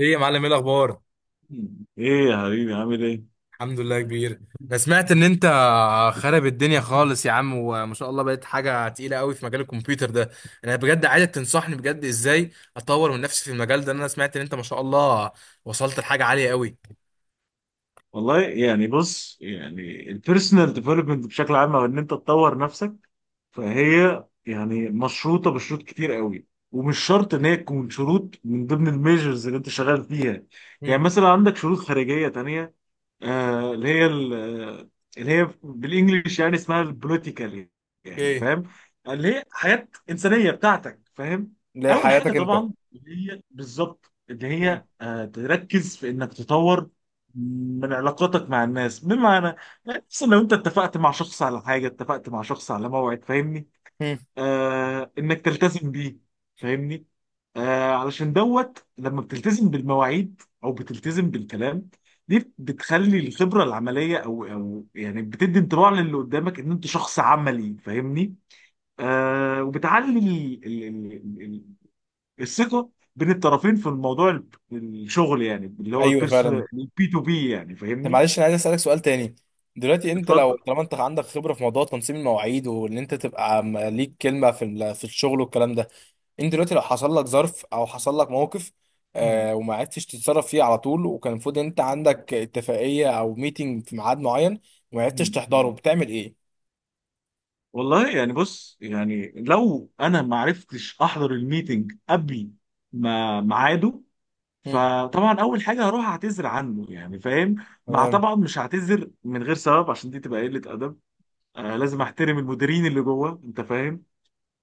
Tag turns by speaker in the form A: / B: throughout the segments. A: ايه يا معلم، ايه الاخبار؟
B: ايه يا حبيبي، عامل ايه؟
A: الحمد لله كبير. انا سمعت ان انت خرب الدنيا خالص يا عم، وما شاء الله بقيت حاجه تقيله قوي في مجال الكمبيوتر ده. انا بجد عايزك تنصحني بجد ازاي اطور من نفسي في المجال ده، لأن انا سمعت ان انت ما شاء الله وصلت لحاجه عاليه قوي.
B: والله يعني بص يعني البيرسونال ديفلوبمنت بشكل عام، او ان انت تطور نفسك، فهي يعني مشروطه بشروط كتير قوي. ومش شرط ان هي تكون شروط من ضمن الميجرز اللي انت شغال فيها. يعني
A: امم.
B: مثلا عندك شروط خارجيه تانية، اللي هي اللي هي بالانجلش يعني اسمها البوليتيكال. يعني
A: ايه.
B: فاهم؟ اللي هي حياه انسانيه بتاعتك، فاهم؟ اول حاجه
A: لحياتك انت.
B: طبعا اللي هي بالظبط اللي
A: مم.
B: هي تركز في انك تطور من علاقاتك مع الناس. بمعنى، خصوصا لو انت اتفقت مع شخص على حاجه، اتفقت مع شخص على موعد، فاهمني؟
A: مم.
B: انك تلتزم بيه، فاهمني؟ علشان دوت لما بتلتزم بالمواعيد او بتلتزم بالكلام، دي بتخلي الخبره العمليه، او يعني بتدي انطباع للي قدامك ان انت شخص عملي، فاهمني؟ وبتعلي ال- ال- الثقه بين الطرفين في الموضوع، الشغل يعني، اللي هو
A: ايوه فعلا.
B: بيرسونال بي تو بي يعني،
A: طب
B: فاهمني؟
A: معلش، انا عايز اسالك سؤال تاني. دلوقتي انت
B: اتفضل.
A: لو طالما انت عندك خبره في موضوع تنظيم المواعيد، وان انت تبقى ليك كلمه في في الشغل والكلام ده. انت دلوقتي لو حصل لك ظرف او حصل لك موقف، وما عرفتش تتصرف فيه على طول، وكان المفروض انت عندك اتفاقيه او ميتنج في ميعاد معين وما عرفتش تحضره، بتعمل ايه؟
B: والله يعني بص يعني لو انا ما عرفتش احضر الميتنج قبل ما ميعاده،
A: مم.
B: فطبعا اول حاجه هروح اعتذر عنه يعني، فاهم. مع،
A: تمام.
B: طبعا مش هعتذر من غير سبب، عشان دي تبقى قله ادب. لازم احترم المديرين اللي جوه، انت فاهم؟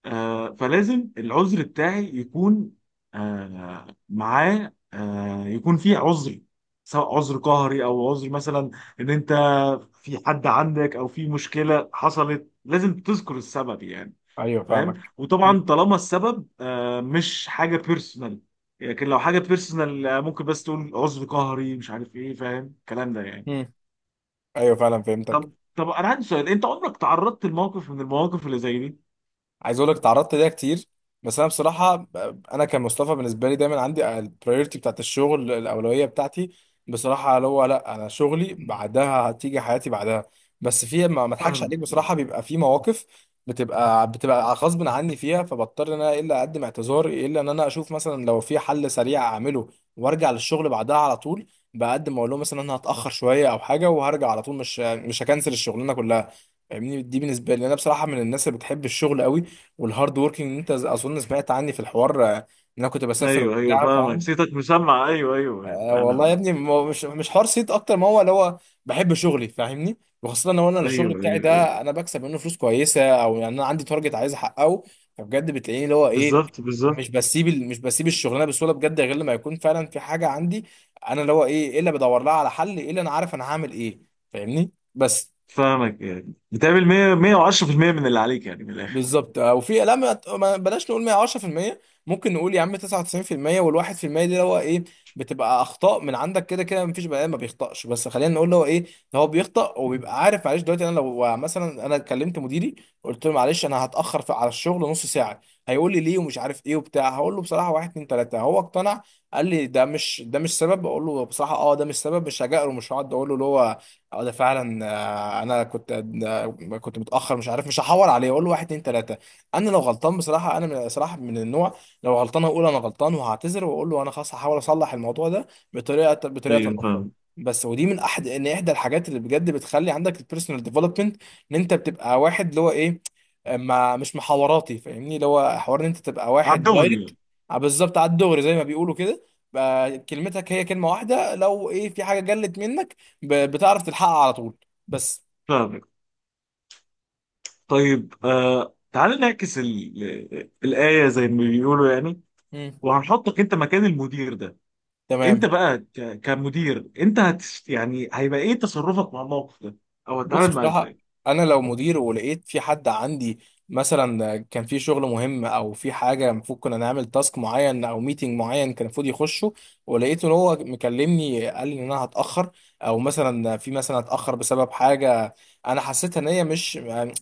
B: فلازم العذر بتاعي يكون معاه يكون فيه عذر، سواء عذر قهري، او عذر مثلا ان انت في حد عندك، او في مشكله حصلت. لازم تذكر السبب يعني،
A: ايوه
B: فاهم؟
A: فاهمك.
B: وطبعا
A: مم.
B: طالما السبب مش حاجه بيرسونال، لكن لو حاجه بيرسونال ممكن بس تقول عذر قهري مش عارف ايه، فاهم الكلام ده يعني؟
A: مم. ايوه فعلا، فهمتك.
B: طب انا عندي سؤال، انت عمرك تعرضت لموقف من المواقف اللي زي دي؟
A: عايز اقول لك، اتعرضت ليها كتير، بس انا بصراحه، انا كمصطفى بالنسبه لي دايما عندي البريورتي بتاعت الشغل، الاولويه بتاعتي بصراحه. اللي هو لا، انا شغلي بعدها هتيجي حياتي بعدها. بس في، ما اضحكش
B: فاهم.
A: عليك بصراحه، بيبقى في مواقف بتبقى غصب عني فيها، فبضطر ان انا الا اقدم اعتذار، الا ان انا اشوف مثلا لو في حل سريع اعمله وارجع للشغل بعدها على طول. بقدم اقول لهم مثلا انا هتاخر شويه او حاجه، وهرجع على طول، مش هكنسل الشغلانه كلها. فاهمني، دي بالنسبه لي، انا بصراحه من الناس اللي بتحب الشغل قوي والهارد وركينج. انت اظن سمعت عني في الحوار، ان انا كنت بسافر
B: ايوه، ايوه،
A: وبتاع،
B: فاهمك،
A: فاهم.
B: صيتك مسمع. ايوه، ايوه،
A: والله يا
B: انا.
A: ابني، ما هو مش حوار صيت، اكتر ما هو اللي هو بحب شغلي، فاهمني. وخاصه لو انا الشغل
B: ايوه،
A: بتاعي
B: ايوه، ايوه.
A: ده، انا بكسب منه فلوس كويسه، او يعني انا عندي تارجت عايز احققه. فبجد بتلاقيني اللي هو ايه،
B: بالظبط، بالظبط.
A: مش بسيب الشغلانه بسهوله بجد، غير لما يكون فعلا في حاجه عندي انا، اللي هو ايه اللي بدور لها على حل، ايه اللي انا عارف انا هعمل ايه، فاهمني بس.
B: فاهمك. يعني بتعمل 100 110% من اللي عليك يعني، من الاخر.
A: بالظبط. وفي لا، بلاش نقول 110%، ممكن نقول يا عم 99%، وال1%، دي اللي هو ايه، بتبقى اخطاء من عندك، كده كده مفيش بني ادم ما بيخطاش، بس خلينا نقول اللي هو ايه، ده هو بيخطأ وبيبقى عارف. معلش، دلوقتي انا لو مثلا انا كلمت مديري، قلت له معلش انا هتاخر في على الشغل نص ساعه، هيقول لي ليه ومش عارف ايه وبتاع، هقول له بصراحه واحد اتنين تلاته، هو اقتنع، قال لي ده مش سبب، اقول له بصراحه اه، ده مش سبب، مش هجأله، مش هقعد اقول له اللي هو اه ده فعلا، انا كنت، آه، كنت متاخر، مش عارف، مش هحور عليه اقول له واحد اتنين تلاته. انا لو غلطان بصراحه، انا من صراحه من النوع لو غلطان اقول انا غلطان وهعتذر، واقول له انا خلاص هحاول اصلح الموضوع ده بطريقه
B: ايوه،
A: اخرى.
B: فاهم.
A: بس ودي من احدى الحاجات اللي بجد بتخلي عندك البيرسونال ديفلوبمنت، ان انت بتبقى واحد اللي هو ايه، ما مش محاوراتي، فاهمني، اللي هو حوار ان انت تبقى
B: على
A: واحد
B: الدغري
A: دايركت.
B: يعني.
A: بالظبط، على الدغري زي ما بيقولوا، كده بقى كلمتك هي كلمه واحده، لو ايه في حاجه جلت منك، بتعرف تلحقها على طول بس.
B: فاهمك. طيب، تعال نعكس الآية، زي ما بيقولوا يعني،
A: مم.
B: وهنحطك انت مكان المدير ده. انت
A: تمام.
B: بقى كمدير، انت يعني هيبقى ايه تصرفك مع الموقف ده؟ او
A: بص
B: هتتعامل معاه
A: بصراحة،
B: ازاي؟
A: أنا لو مدير ولقيت في حد عندي، مثلا كان في شغل مهم أو في حاجة المفروض كنا نعمل تاسك معين أو ميتنج معين كان المفروض يخشه، ولقيته إن هو مكلمني قال لي إن أنا هتأخر، أو مثلا هتأخر بسبب حاجة، أنا حسيتها إن هي مش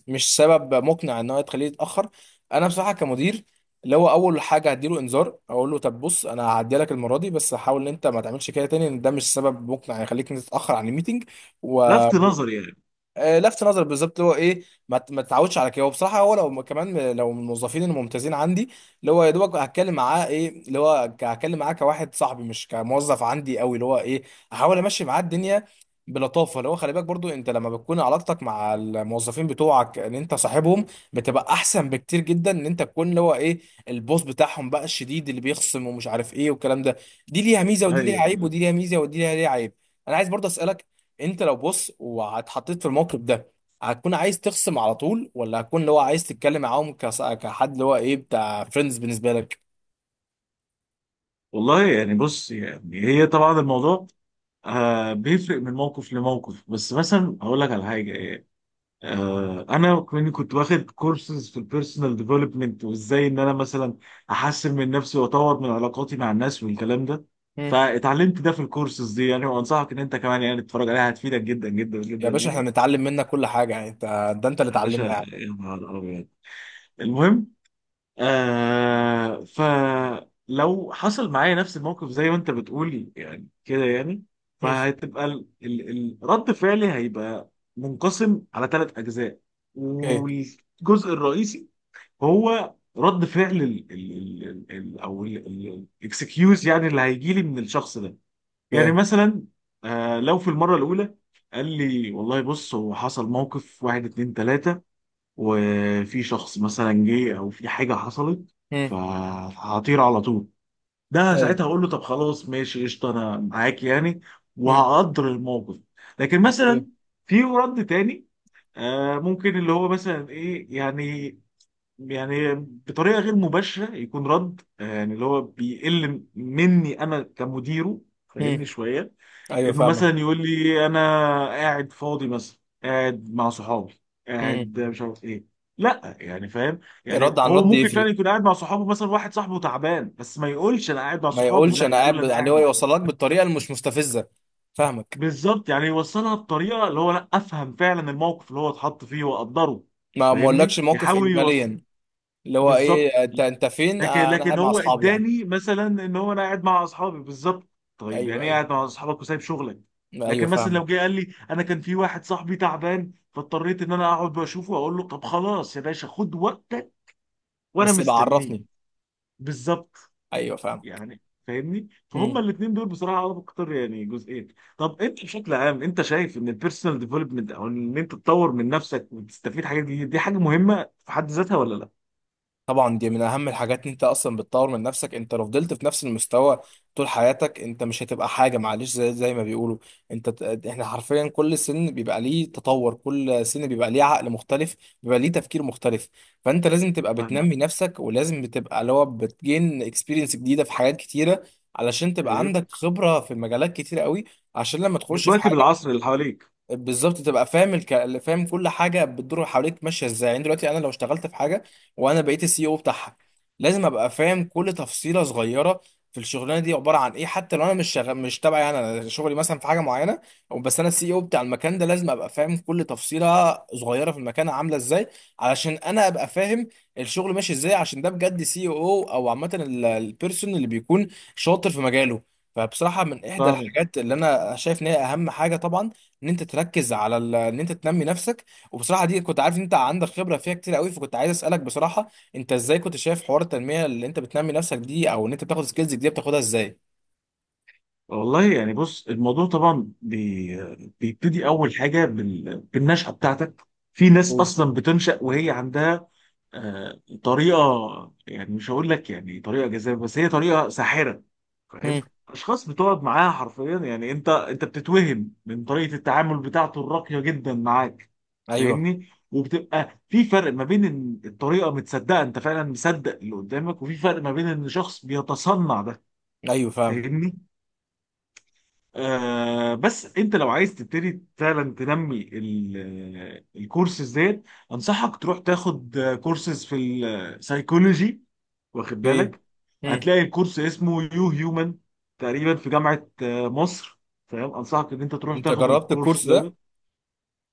A: مش سبب مقنع إن هو تخليه يتأخر. أنا بصراحة كمدير، اللي هو أول حاجة هديله إنذار، أقول له طب بص، أنا هعدي لك المرة دي بس حاول إن أنت ما تعملش كده تاني، إن ده مش سبب مقنع يخليك إن أنت تتأخر عن الميتنج و...
B: لفت
A: مم.
B: نظري يعني.
A: لفت نظر بالظبط، اللي هو ايه، ما تتعودش على كده. هو بصراحه، هو لو كمان لو من الموظفين الممتازين عندي، اللي هو يا دوبك هتكلم معاه، ايه اللي هو، هتكلم معاه كواحد صاحبي مش كموظف عندي قوي، اللي هو ايه، احاول امشي معاه الدنيا بلطافه. اللي هو خلي بالك برضو، انت لما بتكون علاقتك مع الموظفين بتوعك ان انت صاحبهم، بتبقى احسن بكتير جدا ان انت تكون اللي هو ايه، البوس بتاعهم بقى الشديد اللي بيخصم ومش عارف ايه والكلام ده. دي ليها ميزه ودي ليها
B: ايوه.
A: عيب، ودي ليها ميزه ودي ليها عيب. انا عايز برضه اسالك، انت لو بص واتحطيت في الموقف ده، هتكون عايز تخصم على طول، ولا هتكون اللي هو عايز تتكلم معاهم كحد اللي هو ايه، بتاع فريندز بالنسبه لك؟
B: والله يعني بص يعني هي طبعا الموضوع بيفرق من موقف لموقف. بس مثلا هقول لك على حاجه يعني، انا كنت واخد كورسز في البيرسونال ديفلوبمنت، وازاي ان انا مثلا احسن من نفسي واطور من علاقاتي مع الناس والكلام ده.
A: مم.
B: فاتعلمت ده في الكورسز دي يعني، وانصحك ان انت كمان يعني تتفرج عليها، هتفيدك جدا جدا
A: يا
B: جدا
A: باشا، احنا
B: يعني.
A: بنتعلم منك كل حاجه يعني، انت ده انت اللي
B: يا باشا،
A: اتعلمنا يعني.
B: يا نهار ابيض. المهم، فلو حصل معايا نفس الموقف زي ما انت بتقول يعني كده، يعني
A: مم.
B: فهتبقى الرد فعلي هيبقى منقسم على ثلاث اجزاء.
A: اوكي.
B: والجزء الرئيسي هو رد فعل او الاكسكيوز، يعني اللي هيجي لي من الشخص ده. يعني
A: اوكي.
B: مثلا لو في المره الاولى قال لي والله بص، هو حصل موقف، واحد اتنين تلاته، وفي شخص مثلا جه، او في حاجه حصلت،
A: مم.
B: فهطير على طول. ده
A: ايوه.
B: ساعتها هقول له طب خلاص، ماشي قشطه، انا معاك يعني،
A: مم.
B: وهقدر الموقف. لكن
A: اوكي.
B: مثلا في رد تاني ممكن اللي هو مثلا ايه يعني، يعني بطريقه غير مباشره يكون رد يعني اللي هو بيقل مني انا كمديره، فاهمني
A: مم.
B: شويه،
A: ايوه
B: انه
A: فاهمك.
B: مثلا يقول لي انا قاعد فاضي، مثلا قاعد مع صحابي،
A: مم.
B: قاعد مش عارف ايه. لا، يعني فاهم يعني،
A: رد عن
B: هو
A: رد
B: ممكن
A: يفرق.
B: فعلا يكون قاعد مع صحابه، مثلا واحد صاحبه تعبان، بس ما يقولش انا قاعد مع
A: ما
B: صحابي،
A: يقولش
B: لا
A: انا
B: يقول
A: قاعد
B: انا
A: يعني هو
B: قاعد،
A: يوصلك بالطريقه اللي مش مستفزه، فاهمك.
B: بالظبط. يعني يوصلها بطريقه اللي هو لا، افهم فعلا الموقف اللي هو اتحط فيه واقدره.
A: ما اقولكش
B: فاهمني
A: موقف
B: يحاول يوصل،
A: اجماليا، اللي هو
B: بالظبط.
A: ايه، انت فين؟
B: لكن
A: انا
B: لكن
A: قاعد مع
B: هو
A: اصحابي يعني.
B: اداني مثلا ان هو انا قاعد مع اصحابي، بالظبط. طيب
A: ايوه،
B: يعني ايه
A: ايوه،
B: قاعد مع اصحابك وسايب شغلك؟
A: ايوه،
B: لكن مثلا لو
A: فاهمك.
B: جه قال لي انا كان في واحد صاحبي تعبان، فاضطريت ان انا اقعد واشوفه، واقول له طب خلاص يا باشا، خد وقتك وانا
A: بس يبقى
B: مستنيه،
A: عرفني.
B: بالظبط
A: ايوه فاهمك.
B: يعني. فاهمني فهم
A: مم.
B: الاثنين دول بصراحه انا بكتر يعني، جزئين. طب انت بشكل عام انت شايف ان البيرسونال ديفلوبمنت، او ان انت تطور من نفسك وتستفيد حاجات جديده، دي حاجه مهمه في حد ذاتها ولا لا؟
A: طبعا دي من اهم الحاجات، ان انت اصلا بتطور من نفسك. انت لو فضلت في نفس المستوى طول حياتك، انت مش هتبقى حاجه، معلش زي ما بيقولوا. احنا حرفيا كل سن بيبقى ليه تطور، كل سن بيبقى ليه عقل مختلف، بيبقى ليه تفكير مختلف. فانت لازم تبقى
B: فاهم.
A: بتنمي نفسك، ولازم بتبقى اللي هو بتجين اكسبيرينس جديده في حاجات كتيره، علشان تبقى
B: إيه؟
A: عندك خبره في مجالات كتيره قوي، عشان لما تخش في
B: بتواكب
A: حاجه
B: العصر اللي حواليك.
A: بالظبط، تبقى فاهم فاهم كل حاجه بتدور حواليك ماشيه ازاي. يعني دلوقتي انا لو اشتغلت في حاجه وانا بقيت السي او بتاعها، لازم ابقى فاهم كل تفصيله صغيره في الشغلانه دي عباره عن ايه، حتى لو انا مش تبعي، يعني انا شغلي مثلا في حاجه معينه، أو بس انا السي او بتاع المكان ده، لازم ابقى فاهم كل تفصيله صغيره في المكان عامله ازاي، علشان انا ابقى فاهم الشغل ماشي ازاي. عشان ده بجد سي او، او عامه، البيرسون اللي بيكون شاطر في مجاله. فبصراحه من احدى
B: فاهمك.
A: الحاجات اللي انا شايف ان هي اهم حاجه طبعا، ان انت تركز على ان انت تنمي نفسك. وبصراحه دي كنت عارف ان انت عندك خبره فيها كتير قوي، فكنت عايز اسالك بصراحه، انت ازاي كنت شايف حوار التنميه اللي انت بتنمي نفسك دي، او ان انت بتاخد سكيلز دي بتاخدها ازاي؟
B: والله يعني بص الموضوع طبعا بيبتدي اول حاجه بالنشأة بتاعتك. في ناس
A: مم.
B: اصلا بتنشأ وهي عندها طريقه، يعني مش هقول لك يعني طريقه جذابه، بس هي طريقه ساحره. فاهم؟
A: امم.
B: اشخاص بتقعد معاها حرفيا يعني، انت بتتوهم من طريقه التعامل بتاعته الراقيه جدا معاك.
A: ايوه،
B: فاهمني، وبتبقى في فرق ما بين إن الطريقه متصدقه، انت فعلا مصدق اللي قدامك، وفي فرق ما بين ان شخص بيتصنع ده.
A: ايوه فاهم.
B: فاهمني. بس انت لو عايز تبتدي فعلا تنمي الكورسز ديت، انصحك تروح تاخد كورسز في السايكولوجي، واخد
A: اوكي.
B: بالك.
A: امم.
B: هتلاقي الكورس اسمه يو هيومن، تقريبا في جامعة مصر، فاهم؟ انصحك ان انت تروح
A: انت
B: تاخد
A: جربت
B: الكورس
A: الكورس ده؟
B: دوت.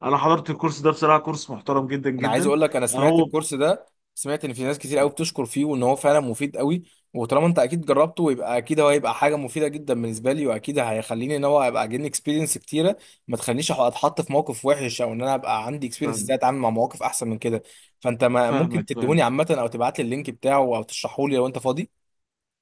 B: انا حضرت الكورس ده بصراحة، كورس محترم جدا
A: انا عايز
B: جدا.
A: اقول لك، انا سمعت
B: هو
A: الكورس ده، سمعت ان في ناس كتير قوي بتشكر فيه، وان هو فعلا مفيد قوي، وطالما انت اكيد جربته، يبقى اكيد هو هيبقى حاجه مفيده جدا بالنسبه لي، واكيد هيخليني ان هو ابقى اجيني اكسبيرينس كتيره، ما تخلينيش اتحط في موقف وحش، او ان انا ابقى عندي اكسبيرينس ازاي
B: فاهم-
A: اتعامل مع مواقف احسن من كده. فانت ما ممكن
B: فاهمك،
A: تديهوني
B: فاهمك.
A: عامه، او تبعت لي اللينك بتاعه، او تشرحه لي لو انت فاضي؟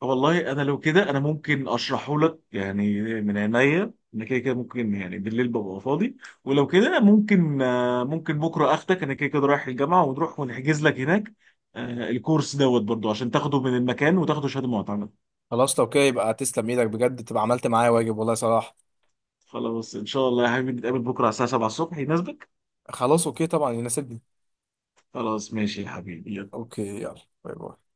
B: والله انا لو كده انا ممكن اشرحه لك يعني، من عينيا. انا كده كده ممكن يعني، بالليل ببقى فاضي. ولو كده ممكن، ممكن بكره اخدك، انا كده كده رايح الجامعه، ونروح ونحجز لك هناك الكورس دوت برضو، عشان تاخده من المكان وتاخده شهاده معتمد.
A: خلاص لو كده، يبقى تسلم ايدك بجد، تبقى عملت معايا واجب والله صراحه.
B: خلاص، ان شاء الله يا حبيبي نتقابل بكره على الساعه 7 الصبح، يناسبك؟
A: خلاص اوكي طبعا، يناسبني.
B: خلاص ماشي يا حبيبي.
A: اوكي، يلا باي باي.